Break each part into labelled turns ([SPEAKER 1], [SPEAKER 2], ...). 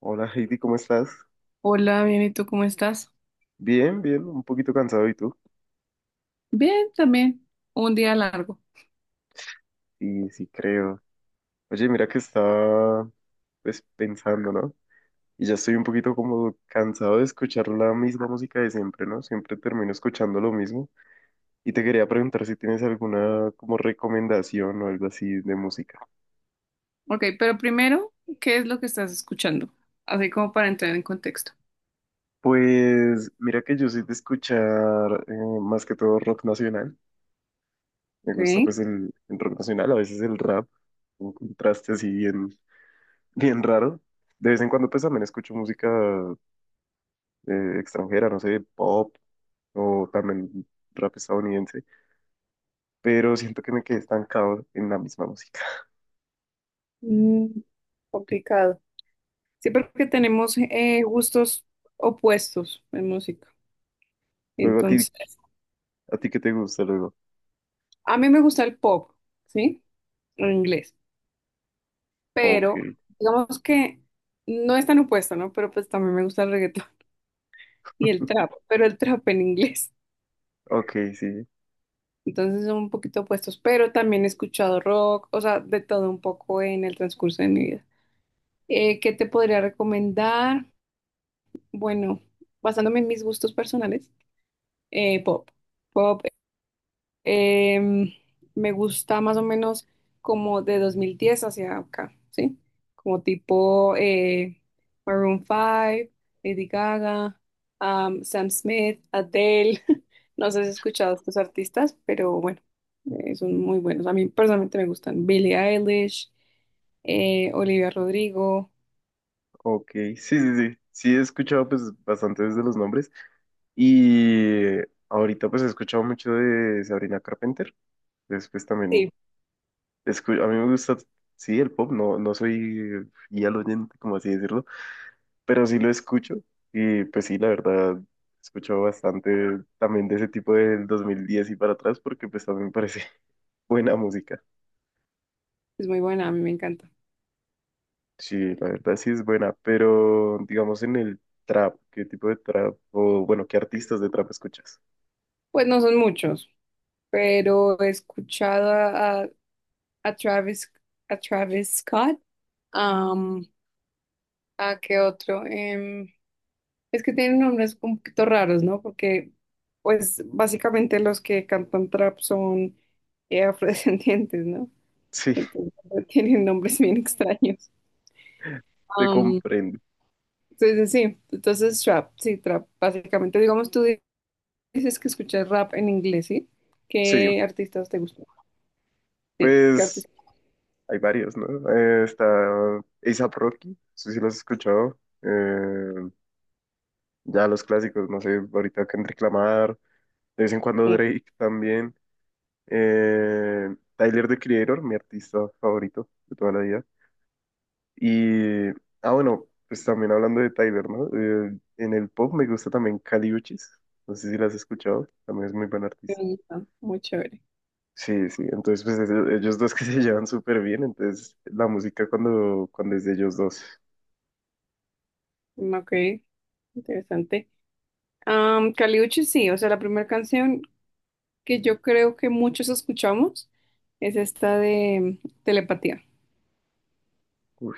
[SPEAKER 1] Hola Heidi, ¿cómo estás?
[SPEAKER 2] Hola, bien, ¿y tú cómo estás?
[SPEAKER 1] Bien, bien, un poquito cansado, ¿y tú?
[SPEAKER 2] Bien, también. Un día largo.
[SPEAKER 1] Sí, sí, creo. Oye, mira que estaba pues pensando, ¿no? Y ya estoy un poquito como cansado de escuchar la misma música de siempre, ¿no? Siempre termino escuchando lo mismo. Y te quería preguntar si tienes alguna como recomendación o algo así de música.
[SPEAKER 2] Ok, pero primero, ¿qué es lo que estás escuchando? Así como para entrar en contexto.
[SPEAKER 1] Pues mira que yo soy de escuchar más que todo rock nacional. Me gusta pues
[SPEAKER 2] Ok.
[SPEAKER 1] el rock nacional, a veces el rap, un contraste así bien, bien raro. De vez en cuando pues también escucho música extranjera, no sé, pop o también rap estadounidense, pero siento que me quedé estancado en la misma música.
[SPEAKER 2] Mm, complicado. Sí, porque tenemos gustos opuestos en música.
[SPEAKER 1] Luego a ti,
[SPEAKER 2] Entonces,
[SPEAKER 1] ¿A ti qué te gusta luego?
[SPEAKER 2] a mí me gusta el pop, ¿sí? En inglés.
[SPEAKER 1] Ok,
[SPEAKER 2] Pero, digamos que no es tan opuesto, ¿no? Pero pues también me gusta el reggaetón y el trap, pero el trap en inglés.
[SPEAKER 1] ok, sí,
[SPEAKER 2] Entonces son un poquito opuestos, pero también he escuchado rock, o sea, de todo un poco en el transcurso de mi vida. ¿Qué te podría recomendar? Bueno, basándome en mis gustos personales, pop. Pop. Em, Me gusta más o menos como de 2010 hacia acá, ¿sí? Como tipo Maroon 5, Lady Gaga, Sam Smith, Adele. No sé si has escuchado a estos artistas, pero bueno, son muy buenos. A mí personalmente me gustan Billie Eilish, Olivia Rodrigo.
[SPEAKER 1] ok, sí, sí, sí. Sí he escuchado pues bastantes de los nombres y ahorita pues he escuchado mucho de Sabrina Carpenter. Después también
[SPEAKER 2] Sí,
[SPEAKER 1] a mí me gusta, sí, el pop, no, no soy fiel oyente, como así decirlo, pero sí lo escucho, y pues sí, la verdad, escucho bastante también de ese tipo del 2010 y para atrás porque pues también me parece buena música.
[SPEAKER 2] es muy buena, a mí me encanta.
[SPEAKER 1] Sí, la verdad sí es buena, pero digamos en el trap, ¿qué tipo de trap o bueno, qué artistas de trap escuchas?
[SPEAKER 2] Pues no son muchos, pero he escuchado a Travis, a Travis Scott. Am, ¿A qué otro? Es que tienen nombres un poquito raros, ¿no? Porque, pues, básicamente los que cantan trap son afrodescendientes, ¿no?
[SPEAKER 1] Sí,
[SPEAKER 2] Entonces, tienen nombres bien extraños.
[SPEAKER 1] te
[SPEAKER 2] Am,
[SPEAKER 1] comprendo.
[SPEAKER 2] sí, sí, sí. Entonces, trap, sí, trap. Básicamente, digamos, dices que escuchas rap en inglés, ¿sí?
[SPEAKER 1] Sí,
[SPEAKER 2] ¿Qué artistas te gustan? Sí, ¿qué
[SPEAKER 1] pues
[SPEAKER 2] artistas?
[SPEAKER 1] hay varios, ¿no? Está A$AP Rocky, no sé si lo has escuchado. Ya los clásicos, no sé, ahorita Kendrick Lamar, de vez en cuando
[SPEAKER 2] Sí,
[SPEAKER 1] Drake también. Tyler, The Creator, mi artista favorito de toda la vida. Y, ah, bueno, pues también hablando de Tyler, ¿no? En el pop me gusta también Kali Uchis. No sé si la has escuchado, también es muy buen
[SPEAKER 2] me
[SPEAKER 1] artista.
[SPEAKER 2] gustan. Muy chévere.
[SPEAKER 1] Sí, sí, entonces pues ellos dos que se llevan súper bien, entonces la música cuando es de ellos dos.
[SPEAKER 2] Mm, ok, interesante. Caliuchi sí, o sea, la primera canción que yo creo que muchos escuchamos es esta de Telepatía.
[SPEAKER 1] Uy.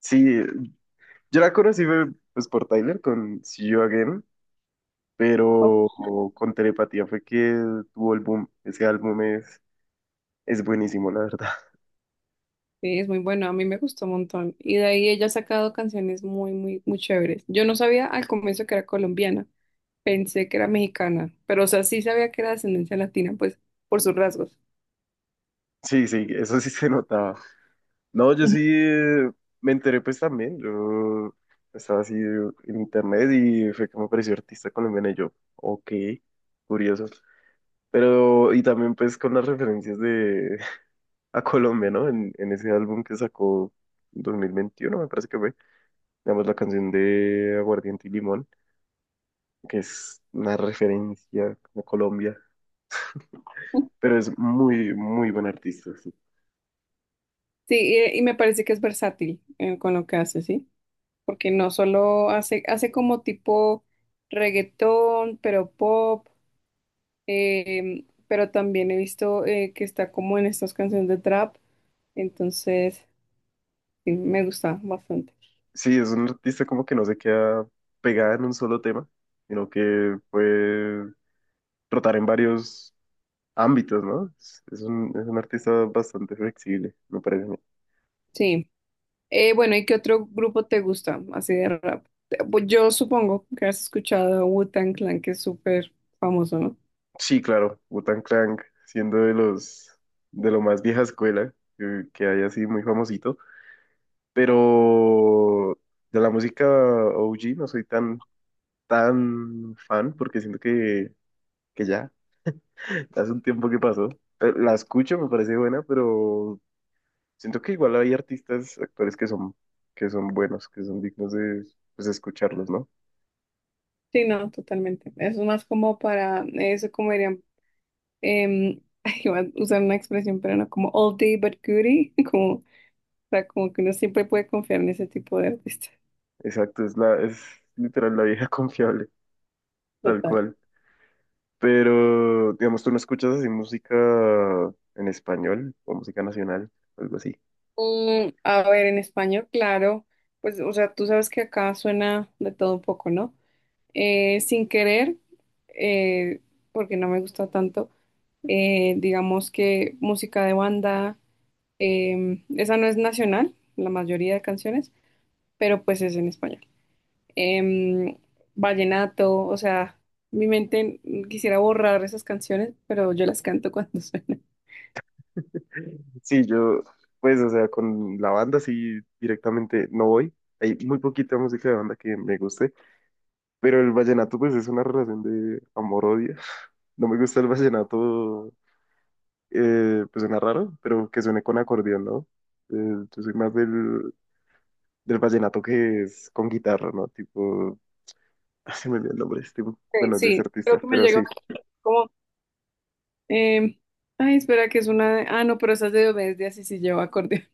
[SPEAKER 1] Sí, yo la conocí fue pues por Tyler con See You Again, pero
[SPEAKER 2] Ok.
[SPEAKER 1] con Telepatía fue que tuvo el boom. Ese álbum es buenísimo, la verdad.
[SPEAKER 2] Sí, es muy buena, a mí me gustó un montón. Y de ahí ella ha sacado canciones muy, muy, muy chéveres. Yo no sabía al comienzo que era colombiana, pensé que era mexicana, pero o sea, sí sabía que era de ascendencia latina, pues por sus rasgos.
[SPEAKER 1] Sí, sí, eso sí se notaba. No, yo sí
[SPEAKER 2] Ujú.
[SPEAKER 1] me enteré pues también, yo estaba así en internet y fue que me apareció artista colombiano y yo, ok, curioso. Pero, y también pues con las referencias de a Colombia, ¿no? En ese álbum que sacó en 2021 me parece que fue, digamos la canción de Aguardiente y Limón, que es una referencia a Colombia, pero es muy, muy buen artista, sí.
[SPEAKER 2] Sí, y me parece que es versátil con lo que hace, ¿sí? Porque no solo hace como tipo reggaetón, pero pop pero también he visto que está como en estas canciones de trap, entonces sí, me gusta bastante.
[SPEAKER 1] Sí, es un artista como que no se queda pegada en un solo tema, sino que puede trotar en varios ámbitos, ¿no? Es un artista bastante flexible, me parece a mí.
[SPEAKER 2] Sí. Bueno, ¿y qué otro grupo te gusta así de rap? Pues yo supongo que has escuchado Wu-Tang Clan, que es súper famoso, ¿no?
[SPEAKER 1] Sí, claro, wu Clank, siendo de los, de lo más vieja escuela que hay, así muy famosito, pero de la música OG no soy tan tan fan porque siento que ya hace un tiempo que pasó. La escucho, me parece buena, pero siento que igual hay artistas, actores que son, buenos, que son dignos de, pues, escucharlos, ¿no?
[SPEAKER 2] Sí, no, totalmente. Es más como para, eso como dirían, em, ay, iba a usar una expresión, pero no, como all day but goodie, como, o sea, como que uno siempre puede confiar en ese tipo de artistas.
[SPEAKER 1] Exacto, es literal la vieja confiable, tal
[SPEAKER 2] Total.
[SPEAKER 1] cual. Pero, digamos, tú no escuchas así música en español o música nacional, algo así.
[SPEAKER 2] Mm, a ver, en español, claro, pues, o sea, tú sabes que acá suena de todo un poco, ¿no? Sin querer, eh, porque no me gusta tanto, digamos que música de banda, esa no es nacional, la mayoría de canciones, pero pues es en español. Em, vallenato, o sea, mi mente quisiera borrar esas canciones, pero yo las canto cuando suenan.
[SPEAKER 1] Sí, yo, pues, o sea, con la banda sí, directamente no voy. Hay muy poquita música de banda que me guste, pero el vallenato pues es una relación de amor-odio. No me gusta el vallenato, pues suena raro, pero que suene con acordeón, ¿no? Eh, yo soy más del vallenato que es con guitarra, ¿no? Tipo, se me olvidó el nombre de este,
[SPEAKER 2] Sí,
[SPEAKER 1] bueno, de ese
[SPEAKER 2] sí, creo
[SPEAKER 1] artista,
[SPEAKER 2] que me
[SPEAKER 1] pero
[SPEAKER 2] llega
[SPEAKER 1] sí,
[SPEAKER 2] como. Eh, ay, espera, que es una. Ah, no, pero esa es de Obediencia, sí, sí lleva acordeón.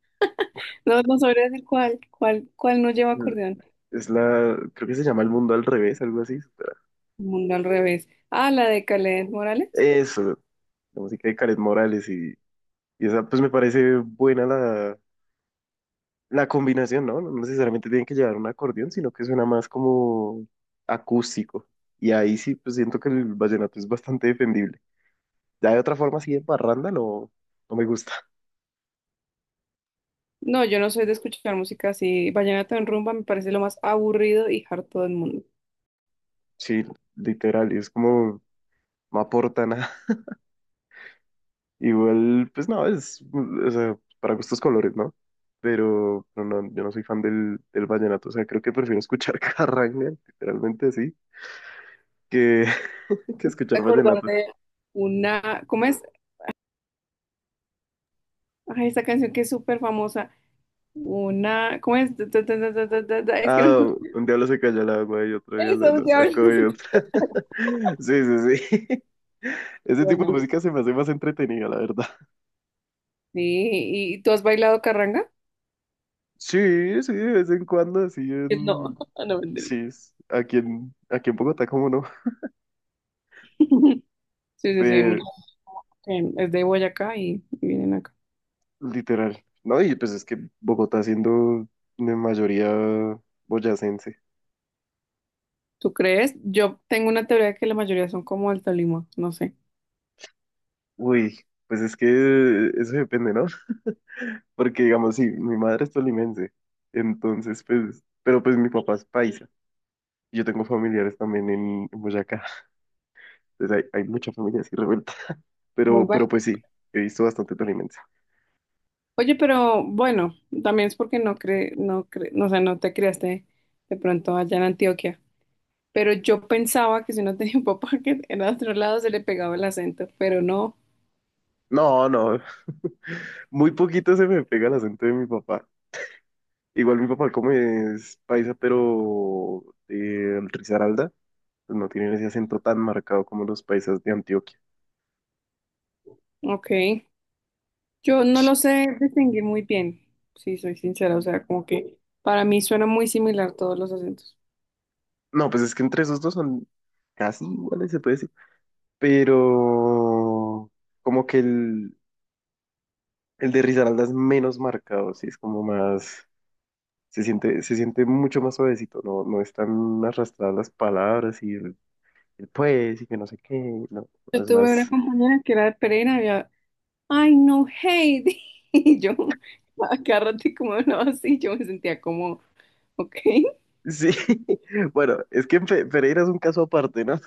[SPEAKER 2] No, no sabría decir cuál, cuál, cuál no lleva acordeón.
[SPEAKER 1] creo que se llama El Mundo al Revés, algo así. Espera.
[SPEAKER 2] Mundo al revés. Ah, la de Kaleth Morales.
[SPEAKER 1] Eso, la música de Karen Morales, y esa, pues me parece buena la combinación, ¿no? No necesariamente tienen que llevar un acordeón, sino que suena más como acústico. Y ahí sí, pues siento que el vallenato es bastante defendible. Ya de otra forma así de parranda no, no me gusta.
[SPEAKER 2] No, yo no soy de escuchar música así. Vallenato en rumba me parece lo más aburrido y harto del mundo.
[SPEAKER 1] Sí, literal, y es como no aporta nada. Igual, pues no, es, o sea, para gustos, colores, ¿no? Pero no, yo no soy fan del vallenato, o sea, creo que prefiero escuchar carranga, literalmente así, que, que
[SPEAKER 2] Me
[SPEAKER 1] escuchar
[SPEAKER 2] acordar
[SPEAKER 1] vallenato.
[SPEAKER 2] de una. ¿Cómo es? Ay, esa canción que es súper famosa. Una. ¿Cómo es? Ta, ta, ta, ta, ta, ta, ta. Es que no.
[SPEAKER 1] Ah, un diablo se calla el agua y otro día lo,
[SPEAKER 2] Eso,
[SPEAKER 1] lo saco
[SPEAKER 2] diablos.
[SPEAKER 1] y otro. Sí, sí, sí. Ese tipo de
[SPEAKER 2] Bueno.
[SPEAKER 1] música se me hace más entretenida, la verdad.
[SPEAKER 2] Sí, ¿y tú has bailado carranga?
[SPEAKER 1] Sí, sí, de vez en cuando, así
[SPEAKER 2] No,
[SPEAKER 1] en...
[SPEAKER 2] no, mentira.
[SPEAKER 1] Sí, es aquí en Bogotá, cómo no,
[SPEAKER 2] Sí, sí, sí, hay
[SPEAKER 1] pero
[SPEAKER 2] muchos que es de Boyacá y vienen acá.
[SPEAKER 1] literal, ¿no? Y pues es que Bogotá, siendo de mayoría boyacense.
[SPEAKER 2] ¿Tú crees? Yo tengo una teoría de que la mayoría son como del Tolima, no sé.
[SPEAKER 1] Uy, pues es que eso depende, ¿no? Porque digamos, sí, mi madre es tolimense, entonces pues, pero pues mi papá es paisa. Yo tengo familiares también en Boyacá, entonces hay mucha familia así revuelta,
[SPEAKER 2] Muy
[SPEAKER 1] pero,
[SPEAKER 2] bueno.
[SPEAKER 1] pero pues sí, he visto bastante tolimense.
[SPEAKER 2] Oye, pero bueno, también es porque no, o sea, no te criaste de pronto allá en Antioquia. Pero yo pensaba que si no tenía un papá que era de otro lado se le pegaba el acento, pero no.
[SPEAKER 1] No, no, muy poquito se me pega el acento de mi papá. Igual mi papá, como es paisa, pero de Risaralda, pues no tienen ese acento tan marcado como los paisas de Antioquia.
[SPEAKER 2] Ok. Yo no lo sé distinguir muy bien, si soy sincera. O sea, como que para mí suena muy similar todos los acentos.
[SPEAKER 1] No, pues es que entre esos dos son casi iguales, se puede decir. Pero como que el, de Risaralda es menos marcado, sí, es como más, se siente mucho más suavecito, no, no están arrastradas las palabras, y el pues y que no sé qué, no, no
[SPEAKER 2] Yo
[SPEAKER 1] es
[SPEAKER 2] tuve una
[SPEAKER 1] más...
[SPEAKER 2] compañera que era de Pereira. Ay, no, Heidi. Y yo, agárrate como no, así yo me sentía como, ok.
[SPEAKER 1] Sí, bueno, es que Pereira es un caso aparte, ¿no?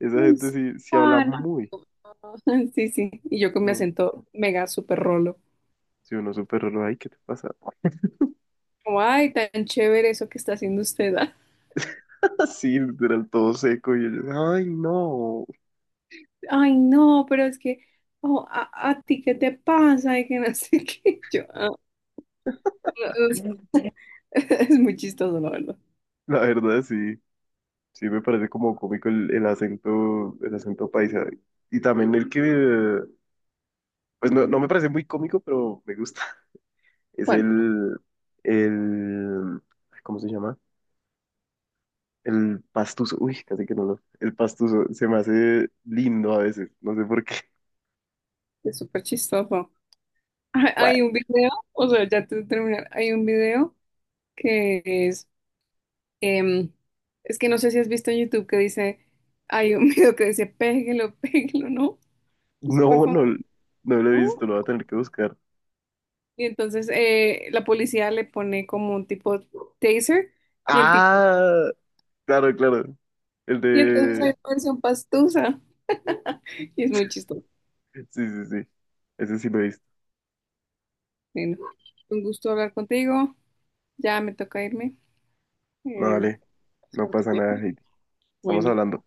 [SPEAKER 1] Esa
[SPEAKER 2] Ay,
[SPEAKER 1] gente
[SPEAKER 2] sí,
[SPEAKER 1] sí, sí habla
[SPEAKER 2] pan.
[SPEAKER 1] muy
[SPEAKER 2] Sí, sí. Y yo con mi
[SPEAKER 1] bien.
[SPEAKER 2] acento mega súper rolo.
[SPEAKER 1] Si uno, súper raro, ay, ¿qué te pasa?
[SPEAKER 2] Como, ay, tan chévere eso que está haciendo usted. Ah".
[SPEAKER 1] Sí, literal, todo seco. Y ellos, ay, no.
[SPEAKER 2] Ay, no, pero es que, oh, a ti, ¿qué te pasa? Y que no sé qué. Yo, "Ah, no, no sé". Es muy chistoso, la verdad.
[SPEAKER 1] La verdad, sí. Sí, me parece como cómico el acento paisa. Y también el que, pues no, no me parece muy cómico, pero me gusta. Es
[SPEAKER 2] Bueno,
[SPEAKER 1] el, ¿cómo se llama? El pastuso. Uy, casi que no lo. El pastuso se me hace lindo a veces. No sé por qué.
[SPEAKER 2] es súper chistoso. Hay
[SPEAKER 1] Bueno,
[SPEAKER 2] hay un video, o sea, ya te terminar, hay un video que es. Em, es que no sé si has visto en YouTube que dice, hay un video que dice, péguelo, péguelo, ¿no? Es súper
[SPEAKER 1] no,
[SPEAKER 2] famoso.
[SPEAKER 1] no, no lo he
[SPEAKER 2] ¿No?
[SPEAKER 1] visto, lo voy a tener que buscar.
[SPEAKER 2] Y entonces la policía le pone como un tipo taser y el tipo,
[SPEAKER 1] Ah, claro, claro. El
[SPEAKER 2] y entonces hay
[SPEAKER 1] de...
[SPEAKER 2] una versión pastusa. Y es muy chistoso.
[SPEAKER 1] Sí, sí, sí. Ese sí lo he visto.
[SPEAKER 2] Bueno, un gusto hablar contigo. Ya me toca irme.
[SPEAKER 1] No,
[SPEAKER 2] Em,
[SPEAKER 1] vale. No
[SPEAKER 2] suerte. A
[SPEAKER 1] pasa nada,
[SPEAKER 2] ti.
[SPEAKER 1] Heidi. Estamos
[SPEAKER 2] Bueno.
[SPEAKER 1] hablando.